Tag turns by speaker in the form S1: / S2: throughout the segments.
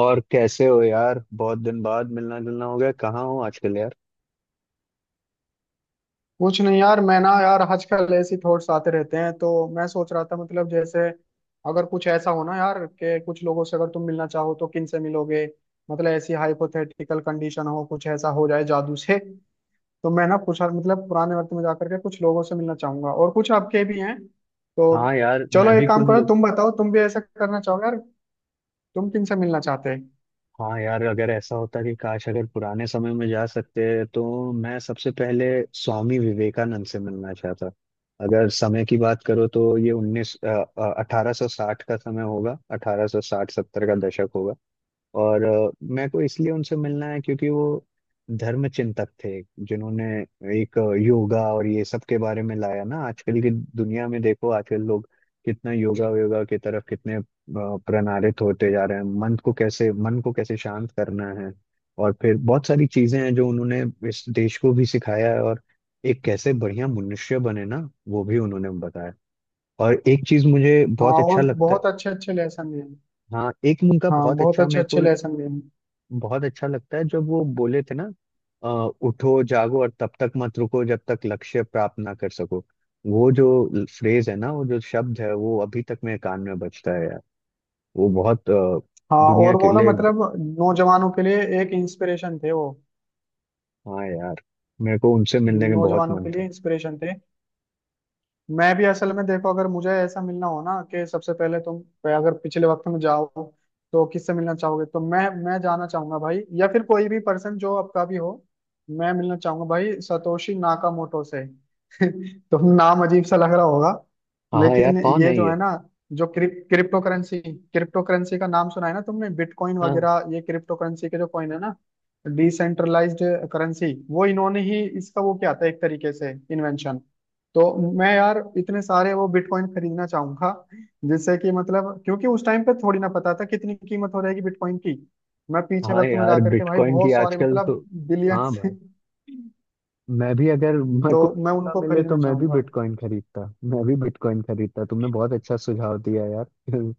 S1: और कैसे हो यार, बहुत दिन बाद मिलना जुलना हो गया। कहाँ हो आजकल यार?
S2: कुछ नहीं यार। मैं ना यार आजकल ऐसी थॉट्स आते रहते हैं, तो मैं सोच रहा था मतलब जैसे अगर कुछ ऐसा हो ना यार, कि कुछ लोगों से अगर तुम मिलना चाहो तो किन से मिलोगे। मतलब ऐसी हाइपोथेटिकल कंडीशन हो, कुछ ऐसा हो जाए जादू से, तो मैं ना कुछ मतलब पुराने वक्त में जाकर के कुछ लोगों से मिलना चाहूंगा, और कुछ आपके भी हैं तो।
S1: हाँ यार,
S2: चलो
S1: मैं
S2: एक
S1: भी
S2: काम
S1: कुछ
S2: करो,
S1: लोग।
S2: तुम बताओ तुम भी ऐसा करना चाहोगे यार? तुम किन से मिलना चाहते हैं?
S1: हाँ यार, अगर ऐसा होता कि काश अगर पुराने समय में जा सकते तो मैं सबसे पहले स्वामी विवेकानंद से मिलना चाहता। अगर समय की बात करो तो ये उन्नीस 1860 का समय होगा, 1860-70 का दशक होगा। और मेरे को इसलिए उनसे मिलना है क्योंकि वो धर्म चिंतक थे, जिन्होंने एक योगा और ये सब के बारे में लाया ना। आजकल की दुनिया में देखो, आजकल लोग कितना योगा योगा की तरफ कितने प्रणालित होते जा रहे हैं। मन को कैसे शांत करना है, और फिर बहुत सारी चीजें हैं जो उन्होंने इस देश को भी सिखाया है। और एक कैसे बढ़िया मनुष्य बने ना, वो भी उन्होंने बताया। और एक चीज मुझे
S2: हाँ,
S1: बहुत
S2: और
S1: अच्छा लगता है।
S2: बहुत अच्छे अच्छे लेसन भी हैं।
S1: हाँ, एक उनका
S2: हाँ
S1: बहुत
S2: बहुत
S1: अच्छा
S2: अच्छे
S1: मेरे को
S2: अच्छे लेसन भी हैं।
S1: बहुत अच्छा लगता है, जब वो बोले थे ना, अ, उठो जागो और तब तक मत रुको जब तक लक्ष्य प्राप्त ना कर सको। वो जो फ्रेज है ना, वो जो शब्द है, वो अभी तक मेरे कान में बजता है यार। वो बहुत
S2: हाँ,
S1: दुनिया
S2: और
S1: के
S2: वो ना
S1: लिए।
S2: मतलब नौजवानों के लिए एक इंस्पिरेशन थे वो।
S1: हाँ यार, मेरे को उनसे मिलने में बहुत
S2: नौजवानों
S1: मन
S2: के लिए
S1: था।
S2: इंस्पिरेशन थे। मैं भी असल में देखो, अगर मुझे ऐसा मिलना हो ना कि सबसे पहले तुम अगर पिछले वक्त में जाओ तो किससे मिलना चाहोगे, तो मैं जाना चाहूंगा भाई, या फिर कोई भी पर्सन जो आपका भी हो। मैं मिलना चाहूंगा भाई सतोशी नाकामोटो से। तो नाम अजीब सा लग रहा होगा,
S1: हाँ
S2: लेकिन
S1: यार, कौन
S2: ये
S1: है
S2: जो
S1: ये?
S2: है ना, जो क्रिप्टो करेंसी, क्रिप्टो करेंसी का नाम सुना है ना तुमने? बिटकॉइन
S1: हाँ।
S2: वगैरह, ये क्रिप्टो करेंसी के जो कॉइन है ना, डिसेंट्रलाइज्ड करेंसी, वो इन्होंने ही इसका वो क्या था एक तरीके से इन्वेंशन। तो मैं यार इतने सारे वो बिटकॉइन खरीदना चाहूंगा, जिससे कि मतलब क्योंकि उस टाइम पे थोड़ी ना पता था कितनी कीमत हो रहेगी बिटकॉइन की। मैं पीछे
S1: हाँ
S2: वक्त में
S1: यार,
S2: जाकर के भाई
S1: बिटकॉइन की
S2: बहुत सारे
S1: आजकल तो।
S2: मतलब बिलियन।
S1: हाँ भाई, मैं भी अगर मेरे
S2: तो
S1: को
S2: मैं
S1: मौका
S2: उनको
S1: मिले तो
S2: खरीदना
S1: मैं भी
S2: चाहूंगा।
S1: बिटकॉइन खरीदता, मैं भी बिटकॉइन खरीदता। तुमने बहुत अच्छा सुझाव दिया यार।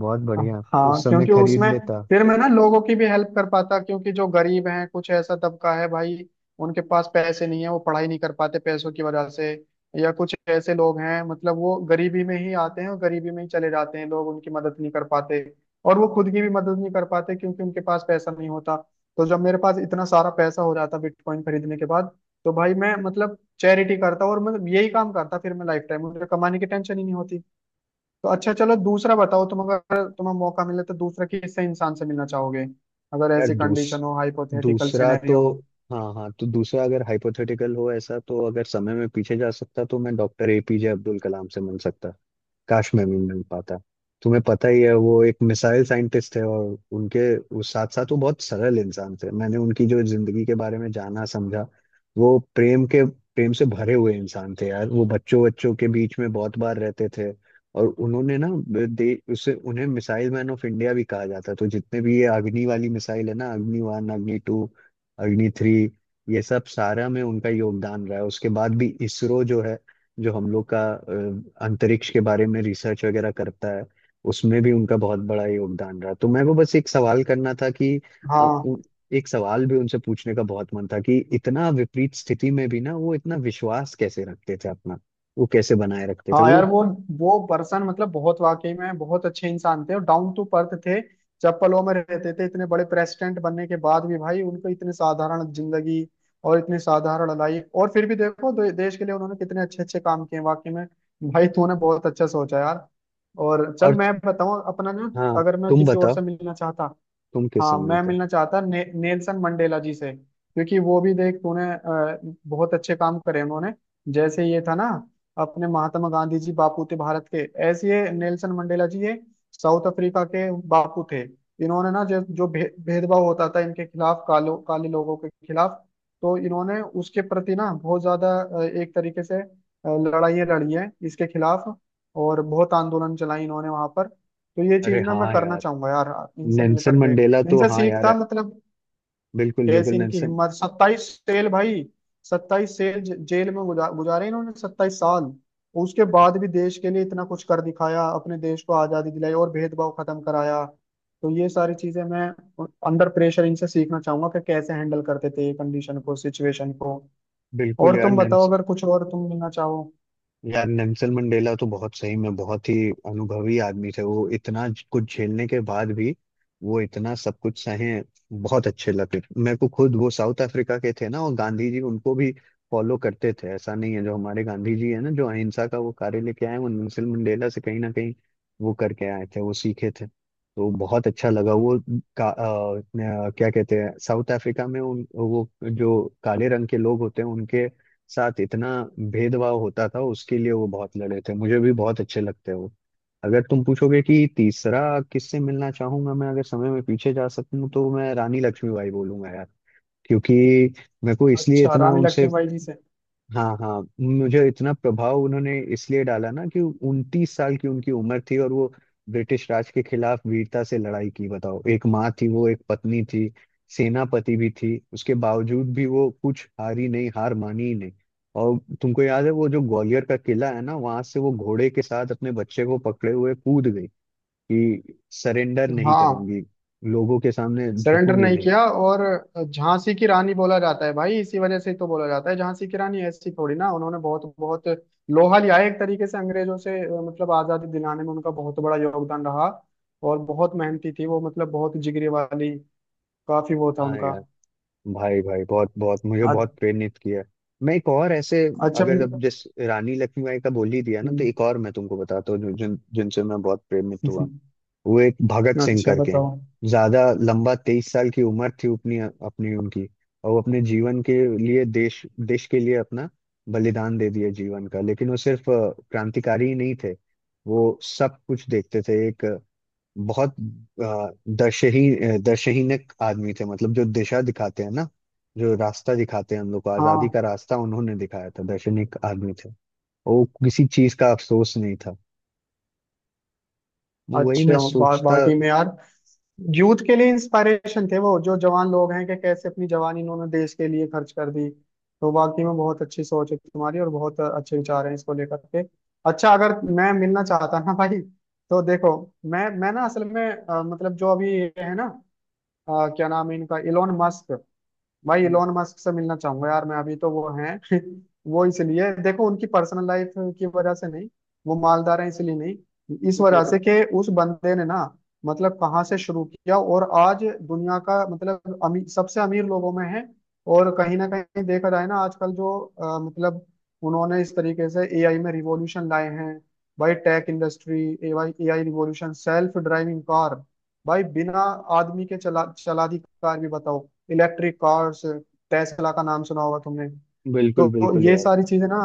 S1: बहुत बढ़िया, उस
S2: हाँ
S1: समय
S2: क्योंकि
S1: खरीद
S2: उसमें
S1: लेता।
S2: फिर मैं ना लोगों की भी हेल्प कर पाता, क्योंकि जो गरीब हैं कुछ ऐसा तबका है भाई, उनके पास पैसे नहीं है, वो पढ़ाई नहीं कर पाते पैसों की वजह से। या कुछ ऐसे लोग हैं मतलब, वो गरीबी में ही आते हैं और गरीबी में ही चले जाते हैं, लोग उनकी मदद नहीं कर पाते, और वो खुद की भी मदद नहीं कर पाते क्योंकि उनके पास पैसा नहीं होता। तो जब मेरे पास इतना सारा पैसा हो जाता बिटकॉइन खरीदने के बाद, तो भाई मैं मतलब चैरिटी करता और मैं यही काम करता, फिर मैं लाइफ टाइम मुझे कमाने की टेंशन ही नहीं होती। तो अच्छा चलो, दूसरा बताओ तुम, अगर तुम्हें मौका मिले तो दूसरा किससे इंसान से मिलना चाहोगे? अगर
S1: यार
S2: ऐसी कंडीशन हो, हाइपोथेटिकल
S1: दूसरा तो।
S2: सिनेरियो हो।
S1: हाँ हाँ, तो दूसरा अगर हाइपोथेटिकल हो ऐसा, तो अगर समय में पीछे जा सकता तो मैं डॉक्टर एपीजे अब्दुल कलाम से मिल सकता। काश मैं भी मिल पाता। तुम्हें पता ही है, वो एक मिसाइल साइंटिस्ट है, और उनके उस साथ साथ वो बहुत सरल इंसान थे। मैंने उनकी जो जिंदगी के बारे में जाना समझा, वो प्रेम के प्रेम से भरे हुए इंसान थे यार। वो बच्चों बच्चों के बीच में बहुत बार रहते थे। और उन्होंने ना दे उसे उन्हें मिसाइल मैन ऑफ इंडिया भी कहा जाता है। तो जितने भी ये अग्नि वाली मिसाइल है ना, अग्नि 1, अग्नि 2, अग्नि 3, ये सब सारा में उनका योगदान रहा है। उसके बाद भी इसरो जो है, जो हम लोग का अंतरिक्ष के बारे में रिसर्च वगैरह करता है, उसमें भी उनका बहुत बड़ा योगदान रहा। तो मैं वो बस एक सवाल करना था कि अ,
S2: हाँ,
S1: उ- एक सवाल भी उनसे पूछने का बहुत मन था, कि इतना विपरीत स्थिति में भी ना वो इतना विश्वास कैसे रखते थे अपना, वो कैसे बनाए रखते थे
S2: हाँ
S1: वो।
S2: यार वो पर्सन मतलब बहुत, वाकई में बहुत अच्छे इंसान थे और डाउन टू अर्थ थे। चप्पलों में रहते थे इतने बड़े प्रेसिडेंट बनने के बाद भी भाई, उनको इतने साधारण जिंदगी और इतने साधारण लाइफ, और फिर भी देखो देश के लिए उन्होंने कितने अच्छे अच्छे काम किए वाकई में। भाई तूने बहुत अच्छा सोचा यार। और चल
S1: और
S2: मैं बताऊं अपना ना,
S1: हाँ,
S2: अगर मैं
S1: तुम
S2: किसी और
S1: बताओ,
S2: से मिलना चाहता।
S1: तुम किससे
S2: हाँ, मैं
S1: मिलते?
S2: मिलना चाहता नेल्सन मंडेला जी से, क्योंकि वो भी देख तूने, बहुत अच्छे काम करे उन्होंने। जैसे ये था ना, अपने महात्मा गांधी जी, बापू थे भारत के, ऐसे ये नेल्सन मंडेला जी ये साउथ अफ्रीका के बापू थे। इन्होंने ना जो जो भेदभाव होता था इनके खिलाफ, कालो काले लोगों के खिलाफ, तो इन्होंने उसके प्रति ना बहुत ज्यादा एक तरीके से लड़ाइयाँ लड़ी है इसके खिलाफ। और बहुत आंदोलन चलाई इन्होंने वहां पर, तो ये
S1: अरे
S2: चीज ना मैं
S1: हाँ
S2: करना
S1: यार,
S2: चाहूंगा यार, इनसे मिल
S1: नेल्सन
S2: करके।
S1: मंडेला तो।
S2: इनसे
S1: हाँ यार,
S2: सीखता मतलब,
S1: बिल्कुल
S2: कैसे
S1: बिल्कुल
S2: इनकी
S1: नेल्सन।
S2: हिम्मत, 27 सेल भाई, 27 सेल जेल में गुजारे इन्होंने, 27 साल। उसके बाद भी देश के लिए इतना कुछ कर दिखाया, अपने देश को आजादी दिलाई और भेदभाव खत्म कराया। तो ये सारी चीजें मैं अंडर प्रेशर इनसे सीखना चाहूंगा कि कैसे हैंडल करते थे ये कंडीशन को, सिचुएशन को।
S1: बिल्कुल
S2: और
S1: यार।
S2: तुम बताओ अगर कुछ और तुम मिलना चाहो।
S1: यार नेल्सन मंडेला तो बहुत सही में बहुत ही अनुभवी आदमी थे। वो इतना कुछ झेलने के बाद भी, वो इतना सब कुछ सहे। बहुत अच्छे लगे मेरे को। खुद वो साउथ अफ्रीका के थे ना, और गांधी जी उनको भी फॉलो करते थे। ऐसा नहीं है जो हमारे गांधी जी है ना, जो अहिंसा का वो कार्य लेके आए, वो नेल्सन मंडेला से कहीं ना कहीं वो करके आए थे, वो सीखे थे। तो बहुत अच्छा लगा वो। का, अ, क्या कहते हैं, साउथ अफ्रीका में उन वो जो काले रंग के लोग होते हैं उनके साथ इतना भेदभाव होता था, उसके लिए वो बहुत लड़े थे। मुझे भी बहुत अच्छे लगते हैं वो। अगर तुम पूछोगे कि तीसरा किससे मिलना चाहूंगा मैं अगर समय में पीछे जा सकूं, तो मैं रानी लक्ष्मीबाई बोलूंगा यार। क्योंकि मेरे को इसलिए
S2: अच्छा
S1: इतना
S2: रानी
S1: उनसे,
S2: लक्ष्मीबाई जी से?
S1: हाँ हाँ, मुझे इतना प्रभाव उन्होंने इसलिए डाला ना, कि 29 साल की उनकी उम्र थी, और वो ब्रिटिश राज के खिलाफ वीरता से लड़ाई की। बताओ, एक माँ थी वो, एक पत्नी थी, सेनापति भी थी, उसके बावजूद भी वो कुछ हारी नहीं, हार मानी ही नहीं। और तुमको याद है वो जो ग्वालियर का किला है ना, वहां से वो घोड़े के साथ अपने बच्चे को पकड़े हुए कूद गई, कि सरेंडर नहीं
S2: हाँ।
S1: करूंगी, लोगों के सामने
S2: सरेंडर
S1: झुकूंगी
S2: नहीं
S1: नहीं।
S2: किया, और झांसी की रानी बोला जाता है भाई इसी वजह से ही तो, बोला जाता है झांसी की रानी। ऐसी थोड़ी ना, उन्होंने बहुत बहुत लोहा लिया है एक तरीके से अंग्रेजों से, मतलब आजादी दिलाने में उनका बहुत बड़ा योगदान रहा। और बहुत मेहनती थी वो, मतलब बहुत जिगरी वाली, काफी वो था
S1: हाँ
S2: उनका।
S1: यार, भाई भाई, बहुत बहुत मुझे
S2: अ-
S1: बहुत प्रेरित किया है। मैं एक और ऐसे,
S2: अच्छा।
S1: अगर अब जिस रानी लक्ष्मीबाई का बोल ही दिया ना, तो
S2: हम्म,
S1: एक और मैं तुमको बताता हूँ, जो- जिन जिनसे मैं बहुत प्रेरित हुआ। वो एक भगत सिंह
S2: अच्छा
S1: करके हैं।
S2: बताओ।
S1: ज्यादा लंबा 23 साल की उम्र थी अपनी, उनकी। और वो अपने जीवन के लिए देश देश के लिए अपना बलिदान दे दिया जीवन का। लेकिन वो सिर्फ क्रांतिकारी ही नहीं थे, वो सब कुछ देखते थे। एक बहुत अ, दशहीनक आदमी थे, मतलब जो दिशा दिखाते हैं ना, जो रास्ता दिखाते हैं, हम लोग को
S2: हाँ
S1: आजादी का रास्ता उन्होंने दिखाया था। दशहीनक आदमी थे, वो किसी चीज का अफसोस नहीं था। वही
S2: अच्छे
S1: मैं सोचता।
S2: बाटी में यार। यूथ के लिए इंस्पायरेशन थे वो, जो जवान लोग हैं, कि कैसे अपनी जवानी इन्होंने देश के लिए खर्च कर दी। तो वाकई में बहुत अच्छी सोच है तुम्हारी, और बहुत अच्छे विचार हैं इसको लेकर के। अच्छा, अगर मैं मिलना चाहता ना भाई, तो देखो मैं ना असल में मतलब जो अभी ये है ना, क्या नाम है इनका, इलोन मस्क। भाई इलोन मस्क से मिलना चाहूंगा यार मैं, अभी तो वो हैं। वो इसलिए देखो, उनकी पर्सनल लाइफ की वजह से नहीं, वो मालदार हैं इसलिए नहीं, इस वजह से कि उस बंदे ने ना, मतलब कहाँ से शुरू किया और आज दुनिया का मतलब अमीर, सबसे अमीर लोगों में है। और कहीं ना कहीं देखा जाए ना, आजकल जो मतलब उन्होंने इस तरीके से एआई में रिवॉल्यूशन लाए हैं भाई, tech industry, AI, AI revolution, self driving car, भाई बिना आदमी के चला चला दी कार भी बताओ, इलेक्ट्रिक कार्स। टेस्ला का नाम सुना होगा तुमने।
S1: बिल्कुल
S2: तो
S1: बिल्कुल
S2: ये
S1: यार।
S2: सारी चीजें ना,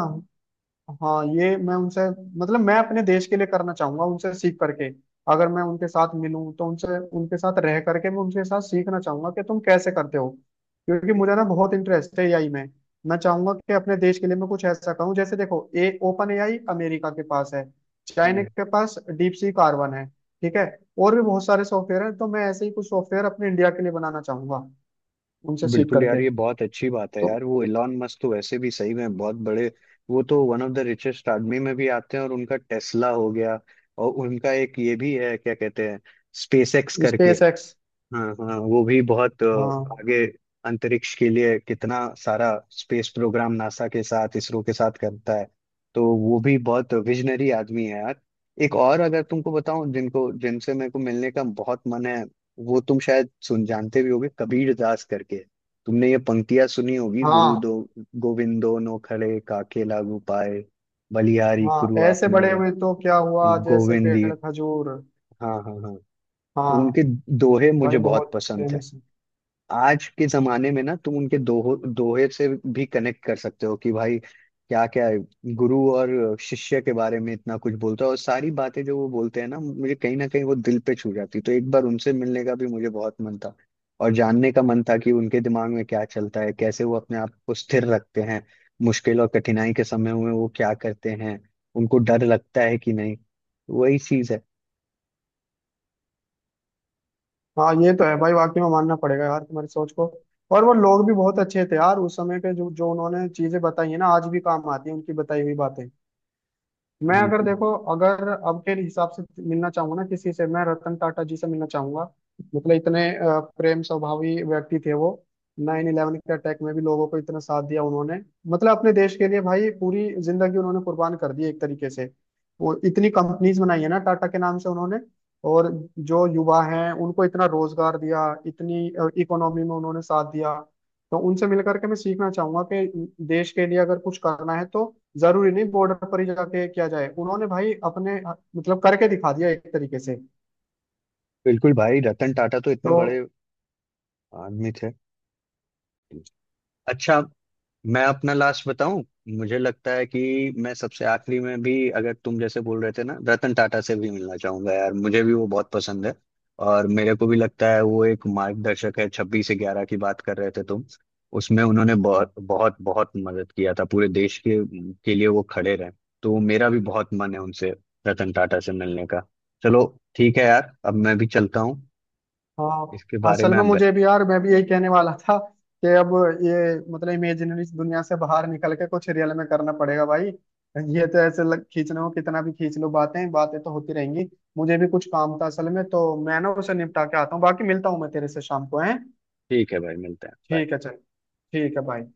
S2: हाँ ये मैं उनसे मतलब मैं अपने देश के लिए करना चाहूंगा उनसे सीख करके। अगर मैं उनके साथ मिलूं, तो उनसे उनके साथ रह करके मैं उनके साथ सीखना चाहूंगा कि तुम कैसे करते हो। क्योंकि मुझे ना बहुत इंटरेस्ट है एआई में। मैं चाहूंगा कि अपने देश के लिए मैं कुछ ऐसा कहूँ, जैसे देखो ए ओपन एआई अमेरिका के पास है, चाइना
S1: हम्म।
S2: के पास डीप सी कार्बन है, ठीक है। और भी बहुत सारे सॉफ्टवेयर है, तो मैं ऐसे ही कुछ सॉफ्टवेयर अपने इंडिया के लिए बनाना चाहूंगा, उनसे सीख
S1: बिल्कुल यार,
S2: करके।
S1: ये बहुत अच्छी बात है
S2: तो
S1: यार। वो एलॉन मस्क तो वैसे भी सही में बहुत बड़े, वो तो वन ऑफ द रिचेस्ट आदमी में भी आते हैं। और उनका टेस्ला हो गया, और उनका एक ये भी है, क्या कहते हैं, स्पेस एक्स करके।
S2: SpaceX.
S1: हाँ हाँ, वो भी बहुत
S2: हाँ,
S1: आगे अंतरिक्ष के लिए कितना सारा स्पेस प्रोग्राम नासा के साथ इसरो के साथ करता है। तो वो भी बहुत विजनरी आदमी है यार। एक और अगर तुमको बताऊं जिनको जिनसे मेरे को मिलने का बहुत मन है, वो तुम शायद सुन जानते भी होगे, कबीर दास करके। तुमने ये पंक्तियां सुनी होगी, गुरु
S2: हाँ,
S1: दो गोविंदो नो खड़े, काके लागू पाए, बलिहारी
S2: हाँ।
S1: गुरु
S2: ऐसे
S1: आपने
S2: बड़े हुए तो क्या हुआ, जैसे
S1: गोविंदी।
S2: पेड़ खजूर।
S1: हाँ हाँ हाँ। तो
S2: हाँ
S1: उनके दोहे मुझे
S2: भाई,
S1: बहुत
S2: बहुत
S1: पसंद है।
S2: फेमस है।
S1: आज के जमाने में ना तुम उनके दोहो दोहे से भी कनेक्ट कर सकते हो कि भाई क्या क्या है। गुरु और शिष्य के बारे में इतना कुछ बोलता है, और सारी बातें जो वो बोलते हैं ना, मुझे कहीं ना कहीं वो दिल पे छू जाती है। तो एक बार उनसे मिलने का भी मुझे बहुत मन था, और जानने का मन था कि उनके दिमाग में क्या चलता है, कैसे वो अपने आप को स्थिर रखते हैं मुश्किल और कठिनाई के समय में, वो क्या करते हैं, उनको डर लगता है कि नहीं। वही चीज है।
S2: हाँ ये तो है भाई, वाकई में मानना पड़ेगा यार तुम्हारी सोच को। और वो लोग भी बहुत अच्छे थे यार उस समय के, जो जो उन्होंने चीजें बताई है ना, आज भी काम आती है उनकी बताई हुई बातें। मैं अगर
S1: बिल्कुल।
S2: देखो, अगर अब के हिसाब से मिलना चाहूंगा ना किसी से, मैं रतन टाटा जी से मिलना चाहूंगा। मतलब इतने प्रेम स्वभावी व्यक्ति थे वो। 9/11 के अटैक में भी लोगों को इतना साथ दिया उन्होंने। मतलब अपने देश के लिए भाई पूरी जिंदगी उन्होंने कुर्बान कर दी एक तरीके से। वो इतनी कंपनीज बनाई है ना टाटा के नाम से उन्होंने। और जो युवा हैं उनको इतना रोजगार दिया, इतनी इकोनॉमी में उन्होंने साथ दिया। तो उनसे मिल करके मैं सीखना चाहूंगा, कि देश के लिए अगर कुछ करना है तो जरूरी नहीं बॉर्डर पर ही जाके किया जाए, उन्होंने भाई अपने मतलब करके दिखा दिया एक तरीके से।
S1: बिल्कुल भाई, रतन टाटा तो इतने
S2: तो
S1: बड़े आदमी थे। अच्छा, मैं अपना लास्ट बताऊं। मुझे लगता है कि मैं सबसे आखिरी में भी, अगर तुम जैसे बोल रहे थे ना, रतन टाटा से भी मिलना चाहूंगा यार, मुझे भी वो बहुत पसंद है। और मेरे को भी लगता है वो एक मार्गदर्शक है। 26/11 की बात कर रहे थे तुम, उसमें उन्होंने बहुत बहुत बहुत मदद किया था। पूरे देश के लिए वो खड़े रहे। तो मेरा भी बहुत मन है उनसे, रतन टाटा से मिलने का। चलो, ठीक है यार, अब मैं भी चलता हूँ।
S2: हाँ,
S1: इसके बारे
S2: असल
S1: में
S2: में
S1: आप।
S2: मुझे भी यार, मैं भी यही कहने वाला था कि अब ये मतलब इमेजिनरी दुनिया से बाहर निकल के कुछ रियल में करना पड़ेगा भाई। ये तो ऐसे खींचना हो कितना भी खींच लो, बातें बातें तो होती रहेंगी। मुझे भी कुछ काम था असल में, तो मैं ना उसे निपटा के आता हूँ, बाकी मिलता हूँ मैं तेरे से शाम को है।
S1: ठीक है भाई, मिलते हैं। Bye.
S2: ठीक है चल। ठीक है भाई।